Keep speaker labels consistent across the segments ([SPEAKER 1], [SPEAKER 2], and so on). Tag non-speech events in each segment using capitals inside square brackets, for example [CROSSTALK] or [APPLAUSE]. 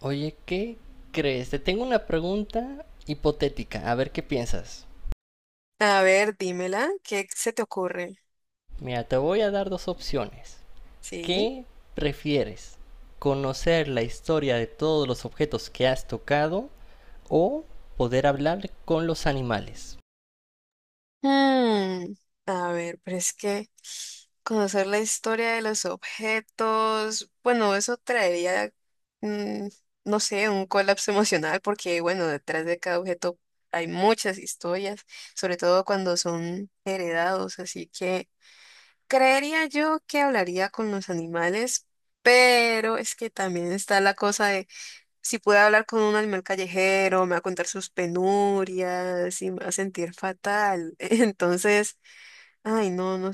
[SPEAKER 1] Oye, ¿qué crees? Te tengo una pregunta hipotética, a ver qué piensas.
[SPEAKER 2] A ver, dímela, ¿qué se te ocurre?
[SPEAKER 1] Mira, te voy a dar dos opciones.
[SPEAKER 2] Sí.
[SPEAKER 1] ¿Qué prefieres? ¿Conocer la historia de todos los objetos que has tocado o poder hablar con los animales?
[SPEAKER 2] Hmm, A ver, pero es que conocer la historia de los objetos, bueno, eso traería, mm, no sé, un colapso emocional, porque bueno, detrás de cada objeto hay muchas historias, sobre todo cuando son heredados, así que creería yo que hablaría con los animales, pero es que también está la cosa de si pude hablar con un animal callejero, me va a contar sus penurias y me va a sentir fatal. [LAUGHS] Entonces, ay, no, no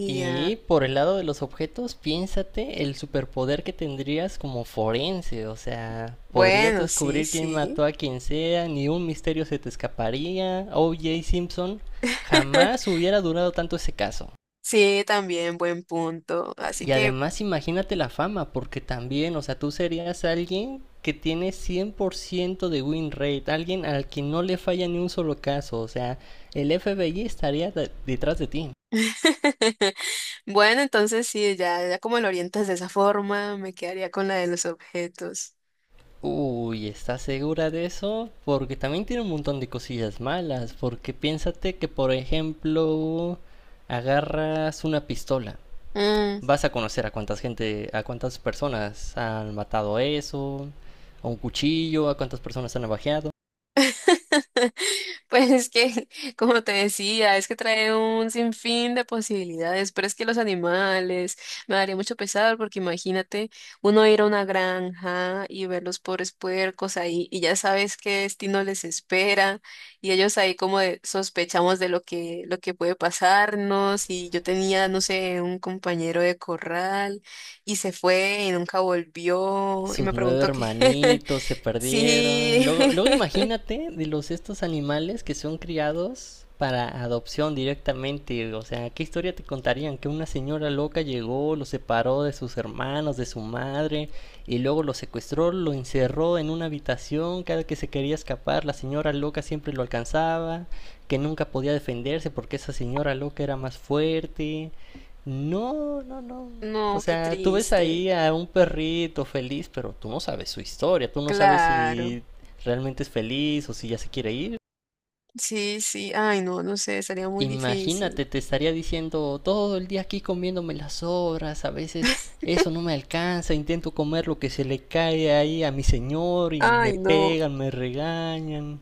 [SPEAKER 1] Y por el lado de los objetos, piénsate el superpoder que tendrías como forense. O sea, podrías
[SPEAKER 2] Bueno, sí,
[SPEAKER 1] descubrir quién
[SPEAKER 2] sí.
[SPEAKER 1] mató a quien sea, ni un misterio se te escaparía. O OJ Simpson jamás
[SPEAKER 2] [LAUGHS]
[SPEAKER 1] hubiera durado tanto ese caso.
[SPEAKER 2] Sí, también buen punto. Así
[SPEAKER 1] Y
[SPEAKER 2] que,
[SPEAKER 1] además imagínate la fama, porque también, o sea, tú serías alguien que tiene 100% de win rate, alguien al que no le falla ni un solo caso. O sea, el FBI estaría detrás de ti.
[SPEAKER 2] [LAUGHS] bueno, entonces sí, ya como lo orientas de esa forma, me quedaría con la de los objetos.
[SPEAKER 1] Uy, ¿estás segura de eso? Porque también tiene un montón de cosillas malas. Porque piénsate que, por ejemplo, agarras una pistola.
[SPEAKER 2] Mm.
[SPEAKER 1] Vas a conocer a cuántas gente, a cuántas personas han matado eso, a un cuchillo, a cuántas personas han navajeado.
[SPEAKER 2] [LAUGHS] Pues es que, como te decía, es que trae un sinfín de posibilidades, pero es que los animales me daría mucho pesar porque imagínate uno ir a una granja y ver los pobres puercos ahí y ya sabes qué destino les espera y ellos ahí como de- sospechamos de lo que puede pasarnos y yo tenía, no sé, un compañero de corral y se fue y nunca volvió y
[SPEAKER 1] Sus
[SPEAKER 2] me
[SPEAKER 1] nueve
[SPEAKER 2] preguntó qué. [LAUGHS]
[SPEAKER 1] hermanitos se perdieron.
[SPEAKER 2] Sí,
[SPEAKER 1] Luego, luego
[SPEAKER 2] [LAUGHS]
[SPEAKER 1] imagínate de los estos animales que son criados para adopción directamente. O sea, ¿qué historia te contarían? Que una señora loca llegó, los separó de sus hermanos, de su madre, y luego los secuestró, lo encerró en una habitación. Cada que se quería escapar, la señora loca siempre lo alcanzaba, que nunca podía defenderse porque esa señora loca era más fuerte. No, no, no. O
[SPEAKER 2] no, qué
[SPEAKER 1] sea, tú ves
[SPEAKER 2] triste.
[SPEAKER 1] ahí a un perrito feliz, pero tú no sabes su historia, tú no sabes
[SPEAKER 2] Claro.
[SPEAKER 1] si realmente es feliz o si ya se quiere ir.
[SPEAKER 2] Sí, sí. Ay, no, no sé, sería muy difícil.
[SPEAKER 1] Imagínate, te estaría diciendo todo el día aquí comiéndome las sobras, a veces eso no me alcanza, intento comer lo que se le cae ahí a mi señor y me
[SPEAKER 2] Ay, no.
[SPEAKER 1] pegan, me regañan.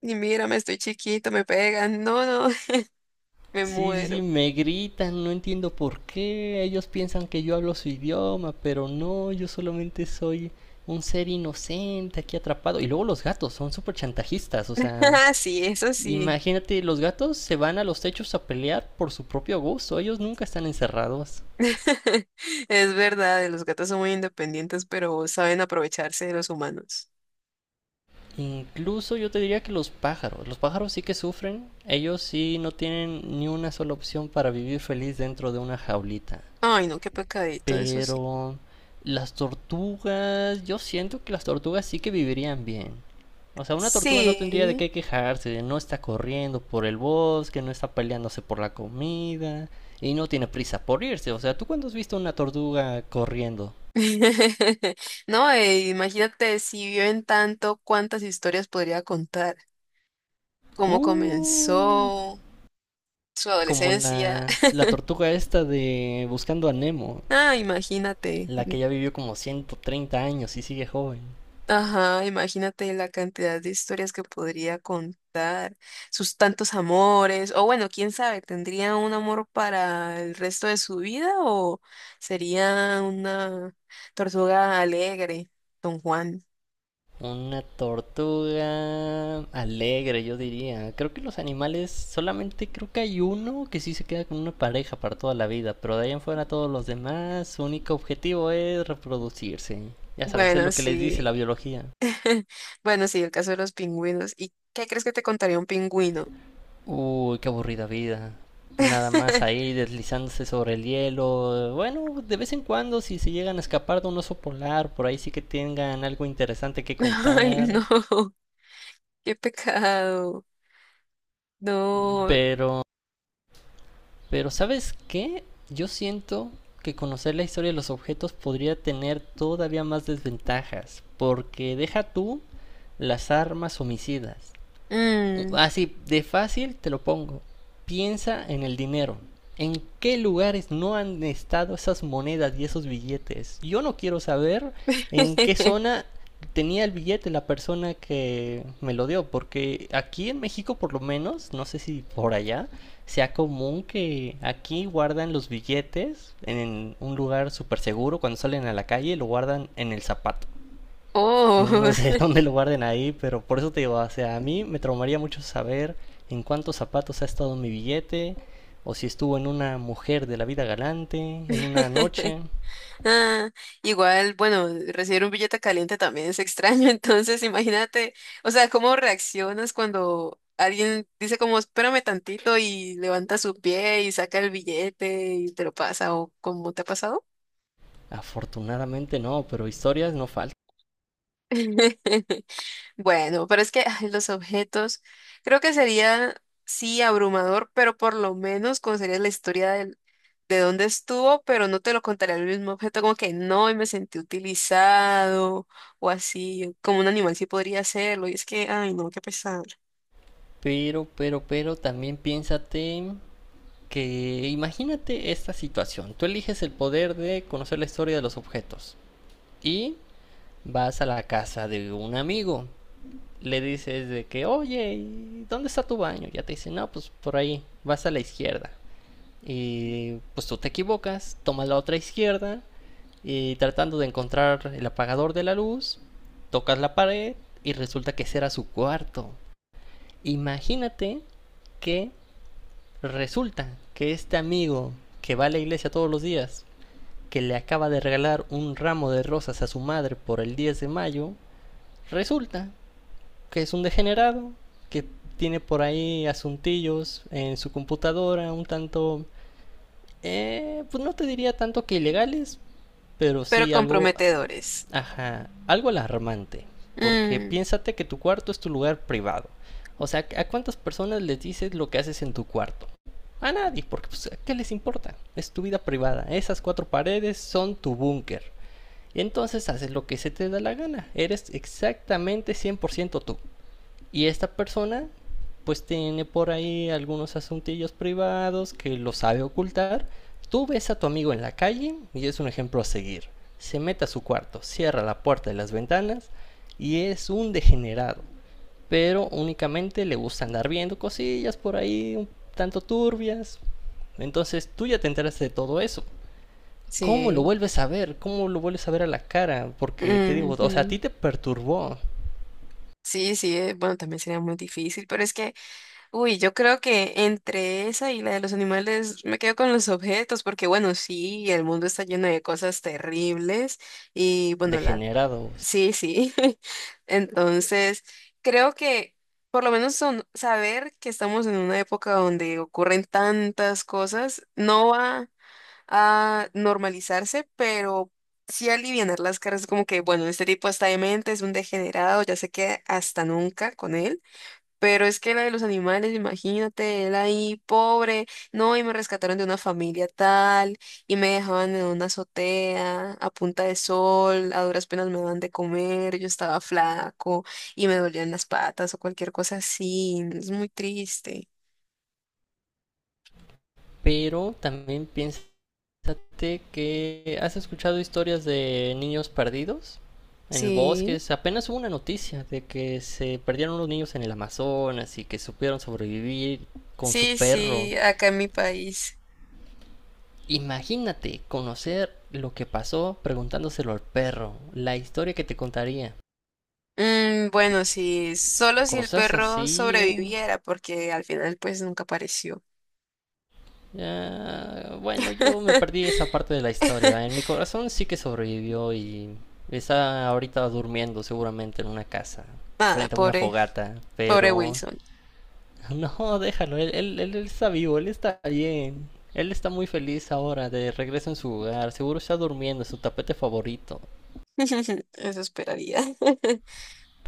[SPEAKER 2] Y mírame, estoy chiquito, me pegan. No, no, [LAUGHS] me
[SPEAKER 1] Sí, sí, sí,
[SPEAKER 2] muero.
[SPEAKER 1] me gritan, no entiendo por qué. Ellos piensan que yo hablo su idioma, pero no, yo solamente soy un ser inocente aquí atrapado. Y luego los gatos son súper chantajistas, o sea,
[SPEAKER 2] [LAUGHS] Sí, eso sí.
[SPEAKER 1] imagínate, los gatos se van a los techos a pelear por su propio gusto, ellos nunca están encerrados.
[SPEAKER 2] [LAUGHS] Es verdad, los gatos son muy independientes, pero saben aprovecharse de los humanos.
[SPEAKER 1] Incluso yo te diría que los pájaros sí que sufren, ellos sí no tienen ni una sola opción para vivir feliz dentro de una jaulita.
[SPEAKER 2] Ay, no, qué pecadito, eso sí.
[SPEAKER 1] Pero las tortugas, yo siento que las tortugas sí que vivirían bien. O sea, una tortuga no tendría de
[SPEAKER 2] Sí.
[SPEAKER 1] qué quejarse, de no está corriendo por el bosque, no está peleándose por la comida y no tiene prisa por irse. O sea, ¿tú cuándo has visto una tortuga corriendo?
[SPEAKER 2] [LAUGHS] No, imagínate si viven tanto, cuántas historias podría contar, cómo
[SPEAKER 1] Uy,
[SPEAKER 2] comenzó su
[SPEAKER 1] como
[SPEAKER 2] adolescencia.
[SPEAKER 1] la,
[SPEAKER 2] [LAUGHS]
[SPEAKER 1] la tortuga esta de Buscando a Nemo,
[SPEAKER 2] Ah, imagínate.
[SPEAKER 1] la que ya vivió como 130 años y sigue joven.
[SPEAKER 2] Ajá, imagínate la cantidad de historias que podría contar, sus tantos amores, o bueno, quién sabe, ¿tendría un amor para el resto de su vida o sería una tortuga alegre, Don Juan?
[SPEAKER 1] Una tortuga alegre, yo diría. Creo que los animales, solamente creo que hay uno que sí se queda con una pareja para toda la vida, pero de ahí en fuera todos los demás, su único objetivo es reproducirse. Ya sabes, es
[SPEAKER 2] Bueno,
[SPEAKER 1] lo que les dice la
[SPEAKER 2] sí.
[SPEAKER 1] biología.
[SPEAKER 2] [LAUGHS] Bueno, sí, el caso de los pingüinos. ¿Y qué crees que te contaría un pingüino?
[SPEAKER 1] Uy, qué aburrida vida. Nada más
[SPEAKER 2] [LAUGHS]
[SPEAKER 1] ahí deslizándose sobre el hielo. Bueno, de vez en cuando si se llegan a escapar de un oso polar, por ahí sí que tengan algo interesante que
[SPEAKER 2] Ay,
[SPEAKER 1] contar.
[SPEAKER 2] no, qué pecado. No.
[SPEAKER 1] Pero Pero ¿sabes qué? Yo siento que conocer la historia de los objetos podría tener todavía más desventajas, porque deja tú las armas homicidas
[SPEAKER 2] Mm.
[SPEAKER 1] así de fácil te lo pongo. Piensa en el dinero. ¿En qué lugares no han estado esas monedas y esos billetes? Yo no quiero saber en qué
[SPEAKER 2] [LAUGHS]
[SPEAKER 1] zona tenía el billete la persona que me lo dio, porque aquí en México por lo menos, no sé si por allá, sea común que aquí guardan los billetes en un lugar súper seguro, cuando salen a la calle lo guardan en el zapato. Yo
[SPEAKER 2] Oh.
[SPEAKER 1] no sé [LAUGHS] dónde lo guarden ahí, pero por eso te digo, o sea, a mí me traumaría mucho saber en cuántos zapatos ha estado mi billete, o si estuvo en una mujer de la vida galante, en una noche.
[SPEAKER 2] [LAUGHS] Ah, igual, bueno, recibir un billete caliente también es extraño, [LAUGHS] entonces imagínate, o sea, cómo reaccionas cuando alguien dice como, espérame tantito y levanta su pie y saca el billete y te lo pasa, o cómo te ha pasado.
[SPEAKER 1] Afortunadamente no, pero historias no faltan.
[SPEAKER 2] [LAUGHS] Bueno, pero es que ay, los objetos, creo que sería, sí, abrumador, pero por lo menos conocerías la historia del- de dónde estuvo, pero no te lo contaría el mismo objeto, como que no, y me sentí utilizado o así, como un animal sí podría hacerlo, y es que, ay, no, qué pesar.
[SPEAKER 1] Pero también piénsate que imagínate esta situación. Tú eliges el poder de conocer la historia de los objetos y vas a la casa de un amigo le dices de que, oye, ¿dónde está tu baño? Ya te dice, no, pues por ahí, vas a la izquierda. Y pues tú te equivocas, tomas la otra izquierda y tratando de encontrar el apagador de la luz, tocas la pared y resulta que ese era su cuarto. Imagínate que resulta que este amigo que va a la iglesia todos los días, que le acaba de regalar un ramo de rosas a su madre por el 10 de mayo, resulta que es un degenerado, que tiene por ahí asuntillos en su computadora, un tanto, pues no te diría tanto que ilegales, pero
[SPEAKER 2] Pero
[SPEAKER 1] sí algo,
[SPEAKER 2] comprometedores.
[SPEAKER 1] ajá, algo alarmante, porque
[SPEAKER 2] Mm,
[SPEAKER 1] piénsate que tu cuarto es tu lugar privado. O sea, ¿a cuántas personas les dices lo que haces en tu cuarto? A nadie, porque pues, ¿qué les importa? Es tu vida privada. Esas cuatro paredes son tu búnker. Entonces haces lo que se te da la gana. Eres exactamente 100% tú. Y esta persona pues tiene por ahí algunos asuntillos privados que lo sabe ocultar. Tú ves a tu amigo en la calle y es un ejemplo a seguir. Se mete a su cuarto, cierra la puerta y las ventanas y es un degenerado. Pero únicamente le gusta andar viendo cosillas por ahí un tanto turbias. Entonces tú ya te enteraste de todo eso. ¿Cómo lo
[SPEAKER 2] sí.
[SPEAKER 1] vuelves a ver? ¿Cómo lo vuelves a ver a la cara? Porque te digo, o sea, a
[SPEAKER 2] Ujú.
[SPEAKER 1] ti te perturbó.
[SPEAKER 2] Sí, sí, bueno, también sería muy difícil, pero es que, uy, yo creo que entre esa y la de los animales me quedo con los objetos, porque bueno, sí, el mundo está lleno de cosas terribles y bueno, la...
[SPEAKER 1] Degenerado.
[SPEAKER 2] Sí, sí. [LAUGHS] Entonces, creo que por lo menos son, saber que estamos en una época donde ocurren tantas cosas no va a normalizarse, pero sí alivianar las caras como que, bueno, este tipo está demente, es un degenerado, ya se queda hasta nunca con él. Pero es que la de los animales, imagínate, él ahí pobre, no, y me rescataron de una familia tal, y me dejaban en una azotea a punta de sol, a duras penas me daban de comer, yo estaba flaco y me dolían las patas o cualquier cosa así, es muy triste.
[SPEAKER 1] Pero también piénsate que has escuchado historias de niños perdidos en el bosque.
[SPEAKER 2] Sí.
[SPEAKER 1] Apenas hubo una noticia de que se perdieron unos niños en el Amazonas y que supieron sobrevivir con su
[SPEAKER 2] Sí,
[SPEAKER 1] perro.
[SPEAKER 2] sí, acá en mi país.
[SPEAKER 1] Imagínate conocer lo que pasó preguntándoselo al perro, la historia que te contaría.
[SPEAKER 2] Mm, bueno, sí, solo si el
[SPEAKER 1] Cosas
[SPEAKER 2] perro
[SPEAKER 1] así.
[SPEAKER 2] sobreviviera, porque al final pues nunca apareció.
[SPEAKER 1] Ya, bueno, yo me perdí
[SPEAKER 2] [LAUGHS]
[SPEAKER 1] esa parte de la historia. En mi corazón sí que sobrevivió y está ahorita durmiendo seguramente en una casa,
[SPEAKER 2] Nada,
[SPEAKER 1] frente a una
[SPEAKER 2] pobre,
[SPEAKER 1] fogata.
[SPEAKER 2] pobre
[SPEAKER 1] Pero
[SPEAKER 2] Wilson.
[SPEAKER 1] [LAUGHS] no, déjalo, él está vivo, él está bien. Él está muy feliz ahora de regreso en su hogar, seguro está durmiendo en su tapete favorito.
[SPEAKER 2] [LAUGHS] Eso esperaría. [LAUGHS]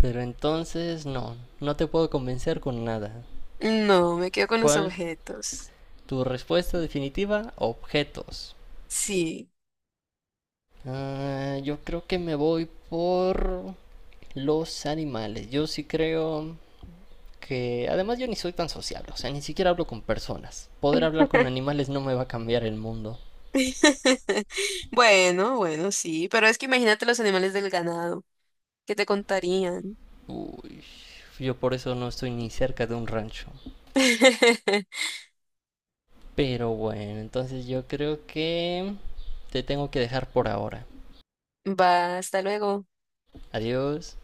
[SPEAKER 1] Pero entonces no, no te puedo convencer con nada.
[SPEAKER 2] No, me quedo con los
[SPEAKER 1] ¿Cuál
[SPEAKER 2] objetos.
[SPEAKER 1] tu respuesta definitiva? Objetos.
[SPEAKER 2] Sí.
[SPEAKER 1] Ah, yo creo que me voy por los animales. Yo sí creo que... Además yo ni soy tan sociable, o sea, ni siquiera hablo con personas. Poder hablar con
[SPEAKER 2] [LAUGHS]
[SPEAKER 1] animales no me va a cambiar el mundo.
[SPEAKER 2] Bueno, bueno, sí, pero es que imagínate los animales del ganado, ¿qué te contarían?
[SPEAKER 1] Uy, yo por eso no estoy ni cerca de un rancho.
[SPEAKER 2] [LAUGHS]
[SPEAKER 1] Pero bueno, entonces yo creo que te tengo que dejar por ahora.
[SPEAKER 2] Va, hasta luego.
[SPEAKER 1] Adiós.